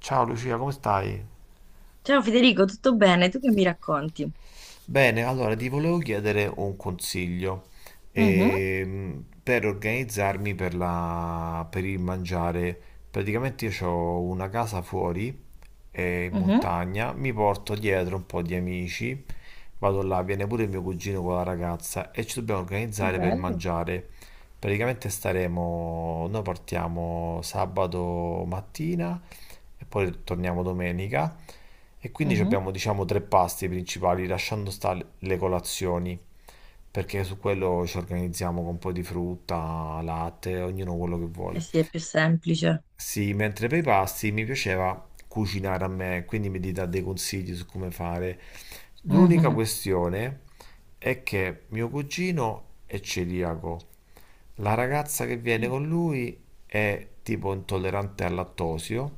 Ciao Lucia, come stai? Ciao Federico, tutto bene? Tu che mi racconti? Bene, allora ti volevo chiedere un consiglio Mhm, per organizzarmi per il mangiare. Praticamente io ho una casa fuori, in mhm, montagna, mi porto dietro un po' di amici, vado là, viene pure il mio cugino con la ragazza e ci dobbiamo che organizzare per bello. mangiare. Praticamente staremo, noi partiamo sabato mattina e poi torniamo domenica. E quindi Mhm. abbiamo diciamo tre pasti principali, lasciando stare le colazioni, perché su quello ci organizziamo con un po' di frutta, latte, ognuno quello che Eh vuole. sì, è più semplice. Sì, mentre per i pasti mi piaceva cucinare a me, quindi mi dà dei consigli su come fare. L'unica Mhm, questione è che mio cugino è celiaco, la ragazza che viene mm. con lui è tipo intollerante al lattosio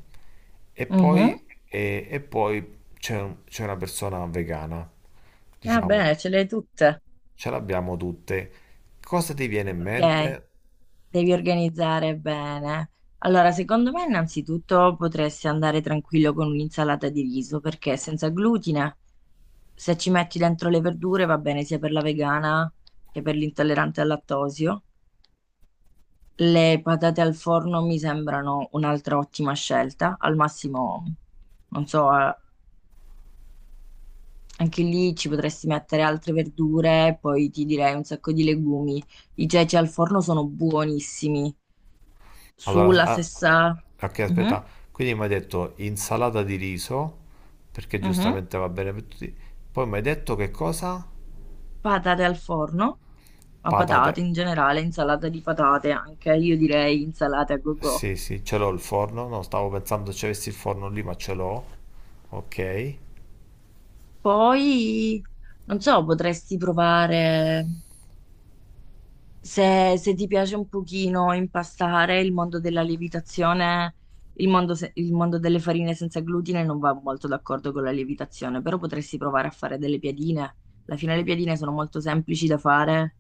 e Mhm. poi, e poi c'è c'è una persona vegana, Ah, diciamo, bene, ce le hai tutte. ce l'abbiamo tutte. Cosa ti viene in Ok, mente? devi organizzare bene. Allora, secondo me innanzitutto potresti andare tranquillo con un'insalata di riso perché è senza glutine. Se ci metti dentro le verdure va bene sia per la vegana che per l'intollerante al lattosio. Le patate al forno mi sembrano un'altra ottima scelta. Al massimo, non so, anche lì ci potresti mettere altre verdure, poi ti direi un sacco di legumi. I ceci al forno sono buonissimi. Allora, Sulla ah, stessa... ok, Mhm, aspetta, quindi mi hai detto insalata di riso, perché mhm. giustamente va bene per tutti. Poi mi hai detto che cosa? Patate al forno, ma patate Patate. in generale, insalata di patate anche, io direi insalata a go-go. Sì, sì, ce l'ho il forno, no, stavo pensando se avessi il forno lì, ma ce l'ho. Ok. Poi, non so, potresti provare. Se ti piace un pochino impastare il mondo della lievitazione, il mondo delle farine senza glutine non va molto d'accordo con la lievitazione, però potresti provare a fare delle piadine. Alla fine le piadine sono molto semplici da fare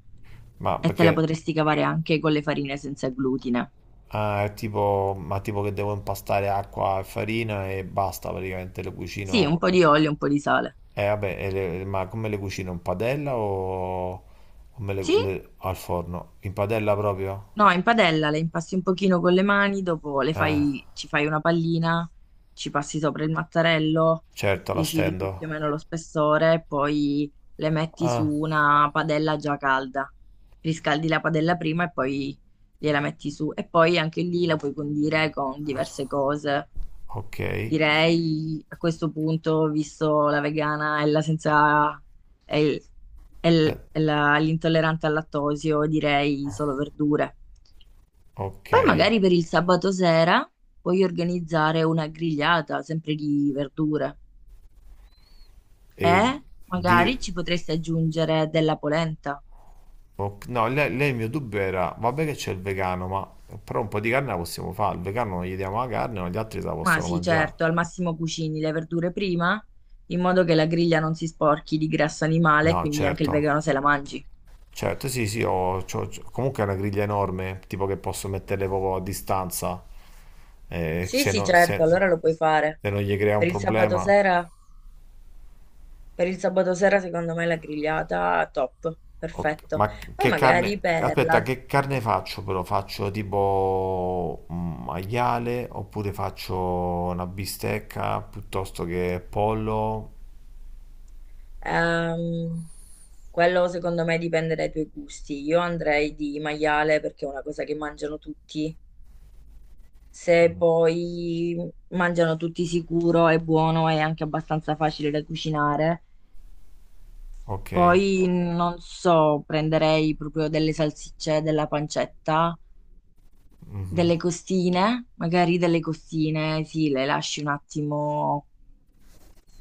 Ma e te la perché potresti cavare anche con le farine senza glutine. ah, è tipo, ma tipo che devo impastare acqua e farina e basta praticamente le Sì, un cucino. po' di olio, un po' di sale. Eh vabbè, ma come le cucino? In padella o, Sì? Al forno? In padella proprio? No, in padella le impasti un pochino con le mani, dopo le Eh, fai, ci fai una pallina, ci passi sopra il mattarello, certo, la decidi tu stendo. più o meno lo spessore, e poi le metti su Ah, una padella già calda. Riscaldi la padella prima e poi gliela metti su. E poi anche lì la puoi condire con diverse cose. ok. Direi a questo punto, visto la vegana e la senza... e, Eh, l'intollerante al lattosio, direi solo verdure. ok. Poi magari per il sabato sera puoi organizzare una grigliata, sempre di verdure. E E di, magari ci potresti aggiungere della polenta. ok- no, lei il mio dubbio era, vabbè che c'è il vegano, ma però un po' di carne la possiamo fare. Il vegano non gli diamo la carne, ma gli altri se la Ma possono sì, mangiare. certo, al massimo cucini le verdure prima, in modo che la griglia non si sporchi di grasso animale, No, quindi anche il certo. vegano se la mangi. Certo, sì, sì, comunque è una griglia enorme, tipo che posso metterle proprio a distanza, Sì, se, sì, no- certo, se- allora lo puoi fare. se non gli crea un Per il sabato problema. sera, per il sabato sera secondo me la grigliata top, Ok, perfetto. ma Poi che magari carne, per aspetta, la... che carne faccio però? Faccio tipo un maiale oppure faccio una bistecca piuttosto che pollo? Ehm, quello secondo me dipende dai tuoi gusti. Io andrei di maiale perché è una cosa che mangiano tutti. Se poi mangiano tutti sicuro, è buono e anche abbastanza facile da cucinare. Ok. Poi non so, prenderei proprio delle salsicce, della pancetta, Mhm. delle costine, magari delle costine, sì, le lasci un attimo,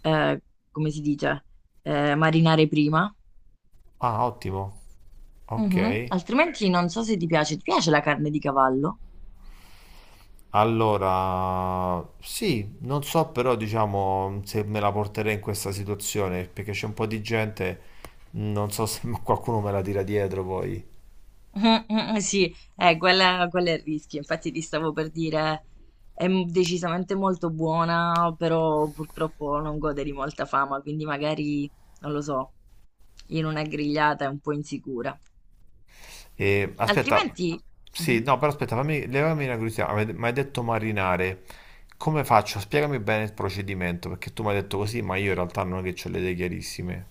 eh, come si dice, marinare prima. Ah, ottimo. Ok. Mhm. Altrimenti non so se ti piace, ti piace la carne di cavallo? Allora, sì, non so però diciamo se me la porterei in questa situazione, perché c'è un po' di gente, non so se qualcuno me la tira dietro poi. Mm, mm, sì, quella è il rischio, infatti ti stavo per dire, è decisamente molto buona, però purtroppo non gode di molta fama, quindi magari, non lo so, in una grigliata è un po' insicura. E, aspetta, Altrimenti, sì, mhm. no, però aspetta, fammi, levami una curiosità. Mi hai detto marinare, come faccio? Spiegami bene il procedimento, perché tu mi hai detto così, ma io in realtà non è che ho le idee chiarissime.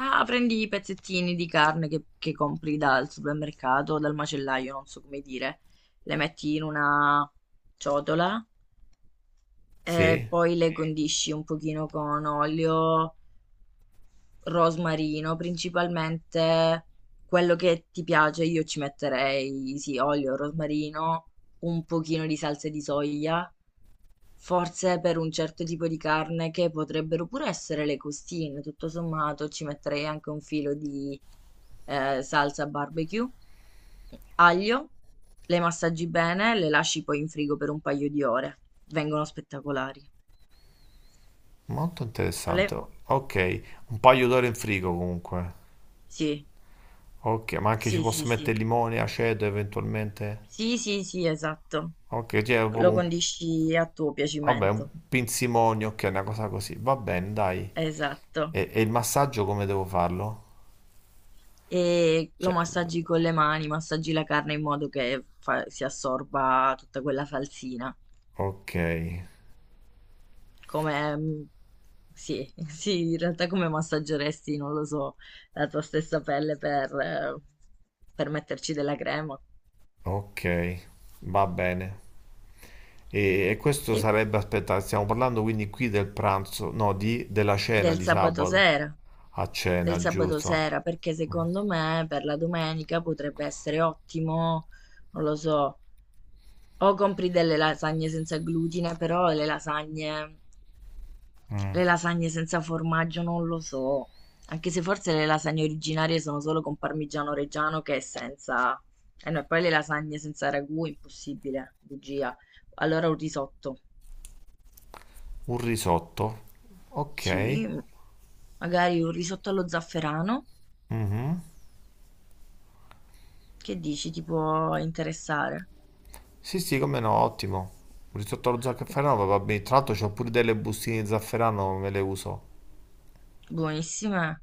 Ah, prendi i pezzettini di carne che compri dal supermercato o dal macellaio, non so come dire, le metti in una ciotola e Sì? poi le mm. Condisci un pochino con olio rosmarino, principalmente quello che ti piace, io ci metterei sì, olio, rosmarino, un pochino di salsa di soia, forse per un certo tipo di carne che potrebbero pure essere le costine, tutto sommato ci metterei anche un filo di salsa barbecue, aglio, le massaggi bene, le lasci poi in frigo per un paio di ore, vengono spettacolari. Molto interessante. Le- Ok, un paio d'ore in frigo comunque. sì, Ok, ma anche ci sì, sì, posso sì. mettere limone, aceto eventualmente? Sì, sì, sì, esatto. Ok, cioè, Lo condisci a tuo vabbè, un piacimento, pinzimonio, ok, una cosa così. Va bene, dai. esatto. E il massaggio come devo farlo? E lo Cioè, massaggi con le mani, massaggi la carne in modo che si assorba tutta quella falsina. ok, Come, mm, sì, sì, in realtà come massaggeresti, non lo so, la tua stessa pelle per metterci della crema. ok, va bene. E questo E sarebbe, aspetta, stiamo parlando quindi qui del pranzo, no, di, della cena del di sabato sabato. sera, A del cena, sabato giusto. sera, perché secondo me per la domenica potrebbe essere ottimo, non lo so. O compri delle lasagne senza glutine, però Mm. le lasagne senza formaggio non lo so. Anche se forse le lasagne originarie sono solo con parmigiano reggiano che è senza... E no, e poi le lasagne senza ragù, impossibile, bugia. Allora un risotto. Un risotto. Ok. Sì, magari un risotto allo zafferano. Mhm. Che dici, ti può interessare? Sì, sì, come no, ottimo. Un risotto allo zafferano Oppu- va bene. Tra l'altro c'ho pure delle bustine di zafferano, me le uso. Buonissime.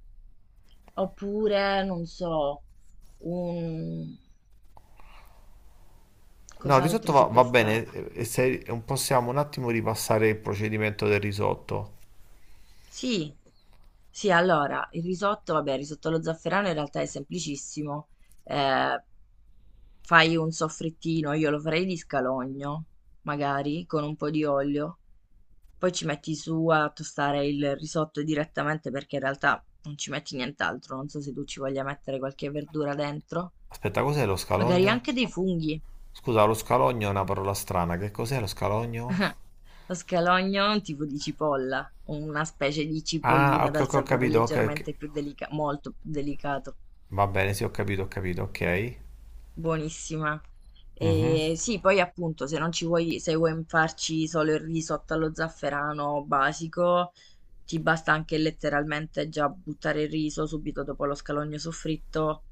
Oppure, non so, un... No, il risotto Cos'altro va, si può va bene. fare? E se possiamo un attimo ripassare il procedimento del risotto. Sì, sì, allora, il risotto, vabbè, il risotto allo zafferano in realtà è semplicissimo. Eh, fai un soffrittino, io lo farei di scalogno, magari, con un po' di olio. Poi ci metti su a tostare il risotto direttamente perché in realtà non ci metti nient'altro. Non so se tu ci voglia mettere qualche verdura dentro. Aspetta, cos'è lo Magari scalogno? anche dei funghi. Scusa, lo scalogno è una parola strana. Che cos'è lo scalogno? Lo scalogno è un tipo di cipolla, una specie di Ah, cipollina ok, dal ok, ho sapore capito. Ok, ok. leggermente più delicato, molto più delicato. Va bene, sì, ho capito, ok. Buonissima. Mhm, E sì, poi appunto, se vuoi farci solo il risotto allo zafferano basico, ti basta anche letteralmente già buttare il riso subito dopo lo scalogno soffritto,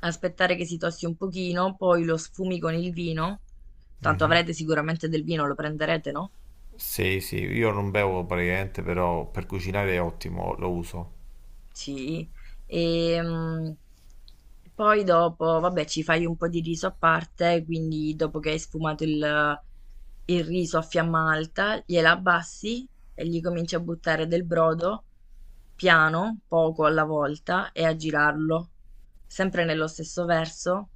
aspettare che si tosti un pochino, poi lo sfumi con il vino. Tanto mhm. avrete sicuramente del vino, lo prenderete, no? Sì, sì, io non bevo praticamente, però per cucinare è ottimo, lo uso. Sì, ehm, poi dopo, vabbè, ci fai un po' di riso a parte, quindi dopo che hai sfumato il riso a fiamma alta, gliela abbassi e gli cominci a buttare del brodo piano, poco alla volta, e a girarlo, sempre nello stesso verso,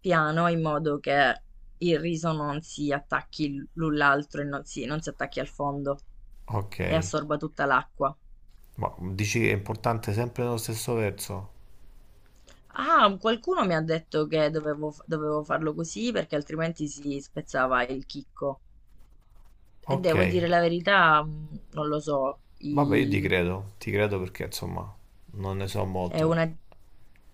piano, in modo che il riso non si attacchi l'un l'altro e non si attacchi al fondo Ok. e assorba tutta l'acqua. Ma dici è importante sempre nello stesso verso? Ah, qualcuno mi ha detto che dovevo, dovevo farlo così perché altrimenti si spezzava il chicco. E Ok, devo dire la verità, non lo so, vabbè, io ti credo perché insomma non ne so è molto. una,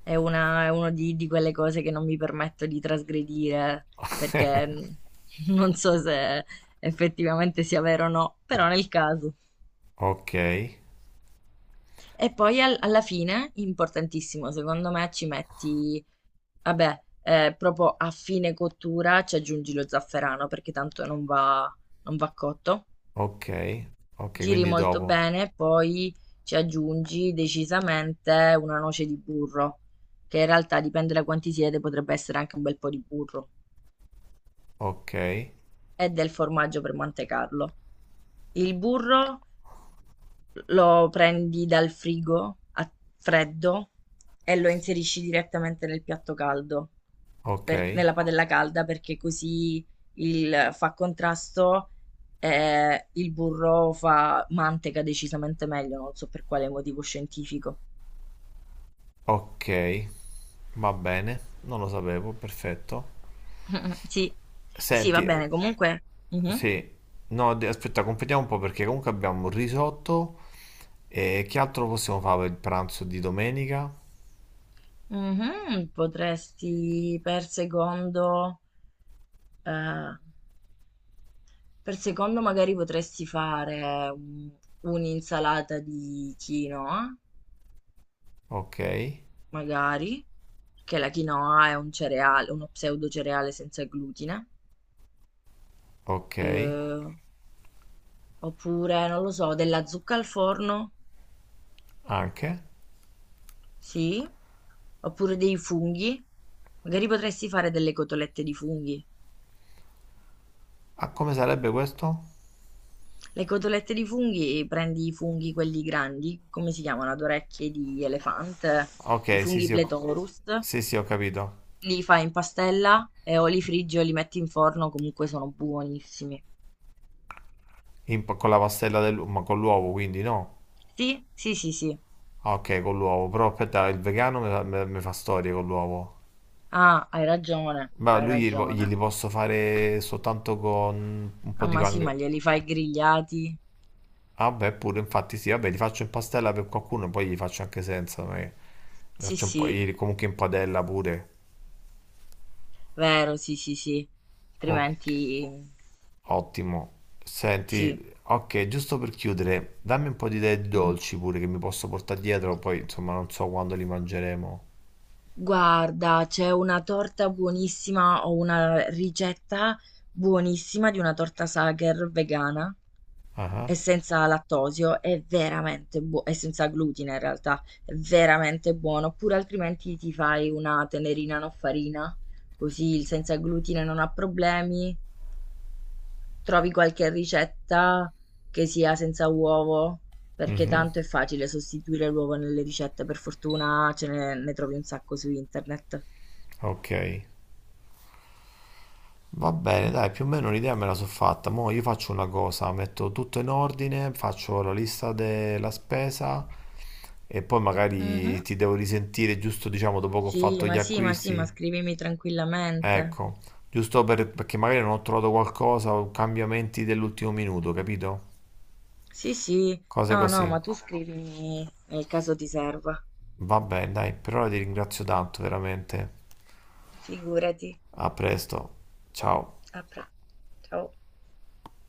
è uno di quelle cose che non mi permetto di trasgredire perché non so se effettivamente sia vero o no, però nel caso. Ok, E poi alla fine, importantissimo, secondo me ci metti vabbè, proprio a fine cottura ci aggiungi lo zafferano perché tanto non va, non va cotto. ok, ok, Giri quindi molto dopo. bene, poi ci aggiungi decisamente una noce di burro, che in realtà dipende da quanti siete, potrebbe essere anche un bel po' di burro, Ok, e del formaggio per mantecarlo. Il burro lo prendi dal frigo a freddo e lo inserisci direttamente nel piatto caldo. ok, Nella padella calda perché così fa contrasto e il burro fa manteca decisamente meglio, non so per quale motivo scientifico. ok, va bene, non lo sapevo, perfetto. Sì, sì, va Senti, bene, comunque mhm, sì, no, aspetta, completiamo un po' perché comunque abbiamo il risotto e che altro possiamo fare per il pranzo di domenica? mhm, potresti eh, per secondo magari potresti fare un'insalata di quinoa, Ok, magari, perché la quinoa è un cereale, uno pseudo cereale senza glutine. ok, Eh, oppure non lo so della zucca al forno, anche. sì, oppure dei funghi, magari potresti fare delle cotolette di funghi. Ah, come sarebbe questo? Le cotolette di funghi, prendi i funghi quelli grandi, come si chiamano, ad orecchie di elefante, i Ok, sì, funghi sì, ho, pletorus, sì, sì, ho capito. li fai in pastella e o li friggi o li metti in forno, comunque sono buonissimi. In- con la pastella dell'uovo, ma con l'uovo, quindi no. Sì, sì, sì, sì. Ah, ok, con l'uovo, però aspetta, il vegano mi fa, me fa storie con l'uovo. Ah, hai ragione, Ma hai lui gli, po- glieli ragione. posso fare soltanto con un po' Ah, di ma sì, pan... ma glieli fai grigliati. Ah, beh, pure, infatti sì, vabbè, li faccio in pastella per qualcuno, e poi li faccio anche senza, ma li Sì, faccio un po', sì, gli- comunque in padella pure. vero, sì, sì, sì, Ok. altrimenti Ottimo. sì. Senti, ok, giusto per chiudere, dammi un po' di idee di Mhm. dolci pure che mi posso portare dietro, poi insomma non so quando li mangeremo. Guarda, c'è una torta buonissima, o una ricetta buonissima di una torta Sacher vegana Ah, ah. e senza lattosio, è veramente buono, e senza glutine in realtà, è veramente buono. Oppure altrimenti ti fai una tenerina no farina, così il senza glutine non ha problemi. Trovi qualche ricetta che sia senza uovo? Perché Mhm, tanto è facile sostituire l'uovo nelle ricette, per fortuna ne trovi un sacco su internet. ok. Va bene, dai, più o meno l'idea me la sono fatta. Mo' io faccio una cosa, metto tutto in ordine, faccio la lista della spesa e poi magari Mhm. ti devo risentire giusto, diciamo, dopo che ho Sì, fatto ma gli sì, ma sì, ma acquisti. scrivimi tranquillamente. Ecco, perché magari non ho trovato qualcosa o cambiamenti dell'ultimo minuto, capito? Sì, sì, Cose no, no, così. ma tu scrivimi nel caso ti serva. Vabbè, dai, per ora ti ringrazio tanto, veramente. Figurati. A presto. Ciao. A pre- ciao.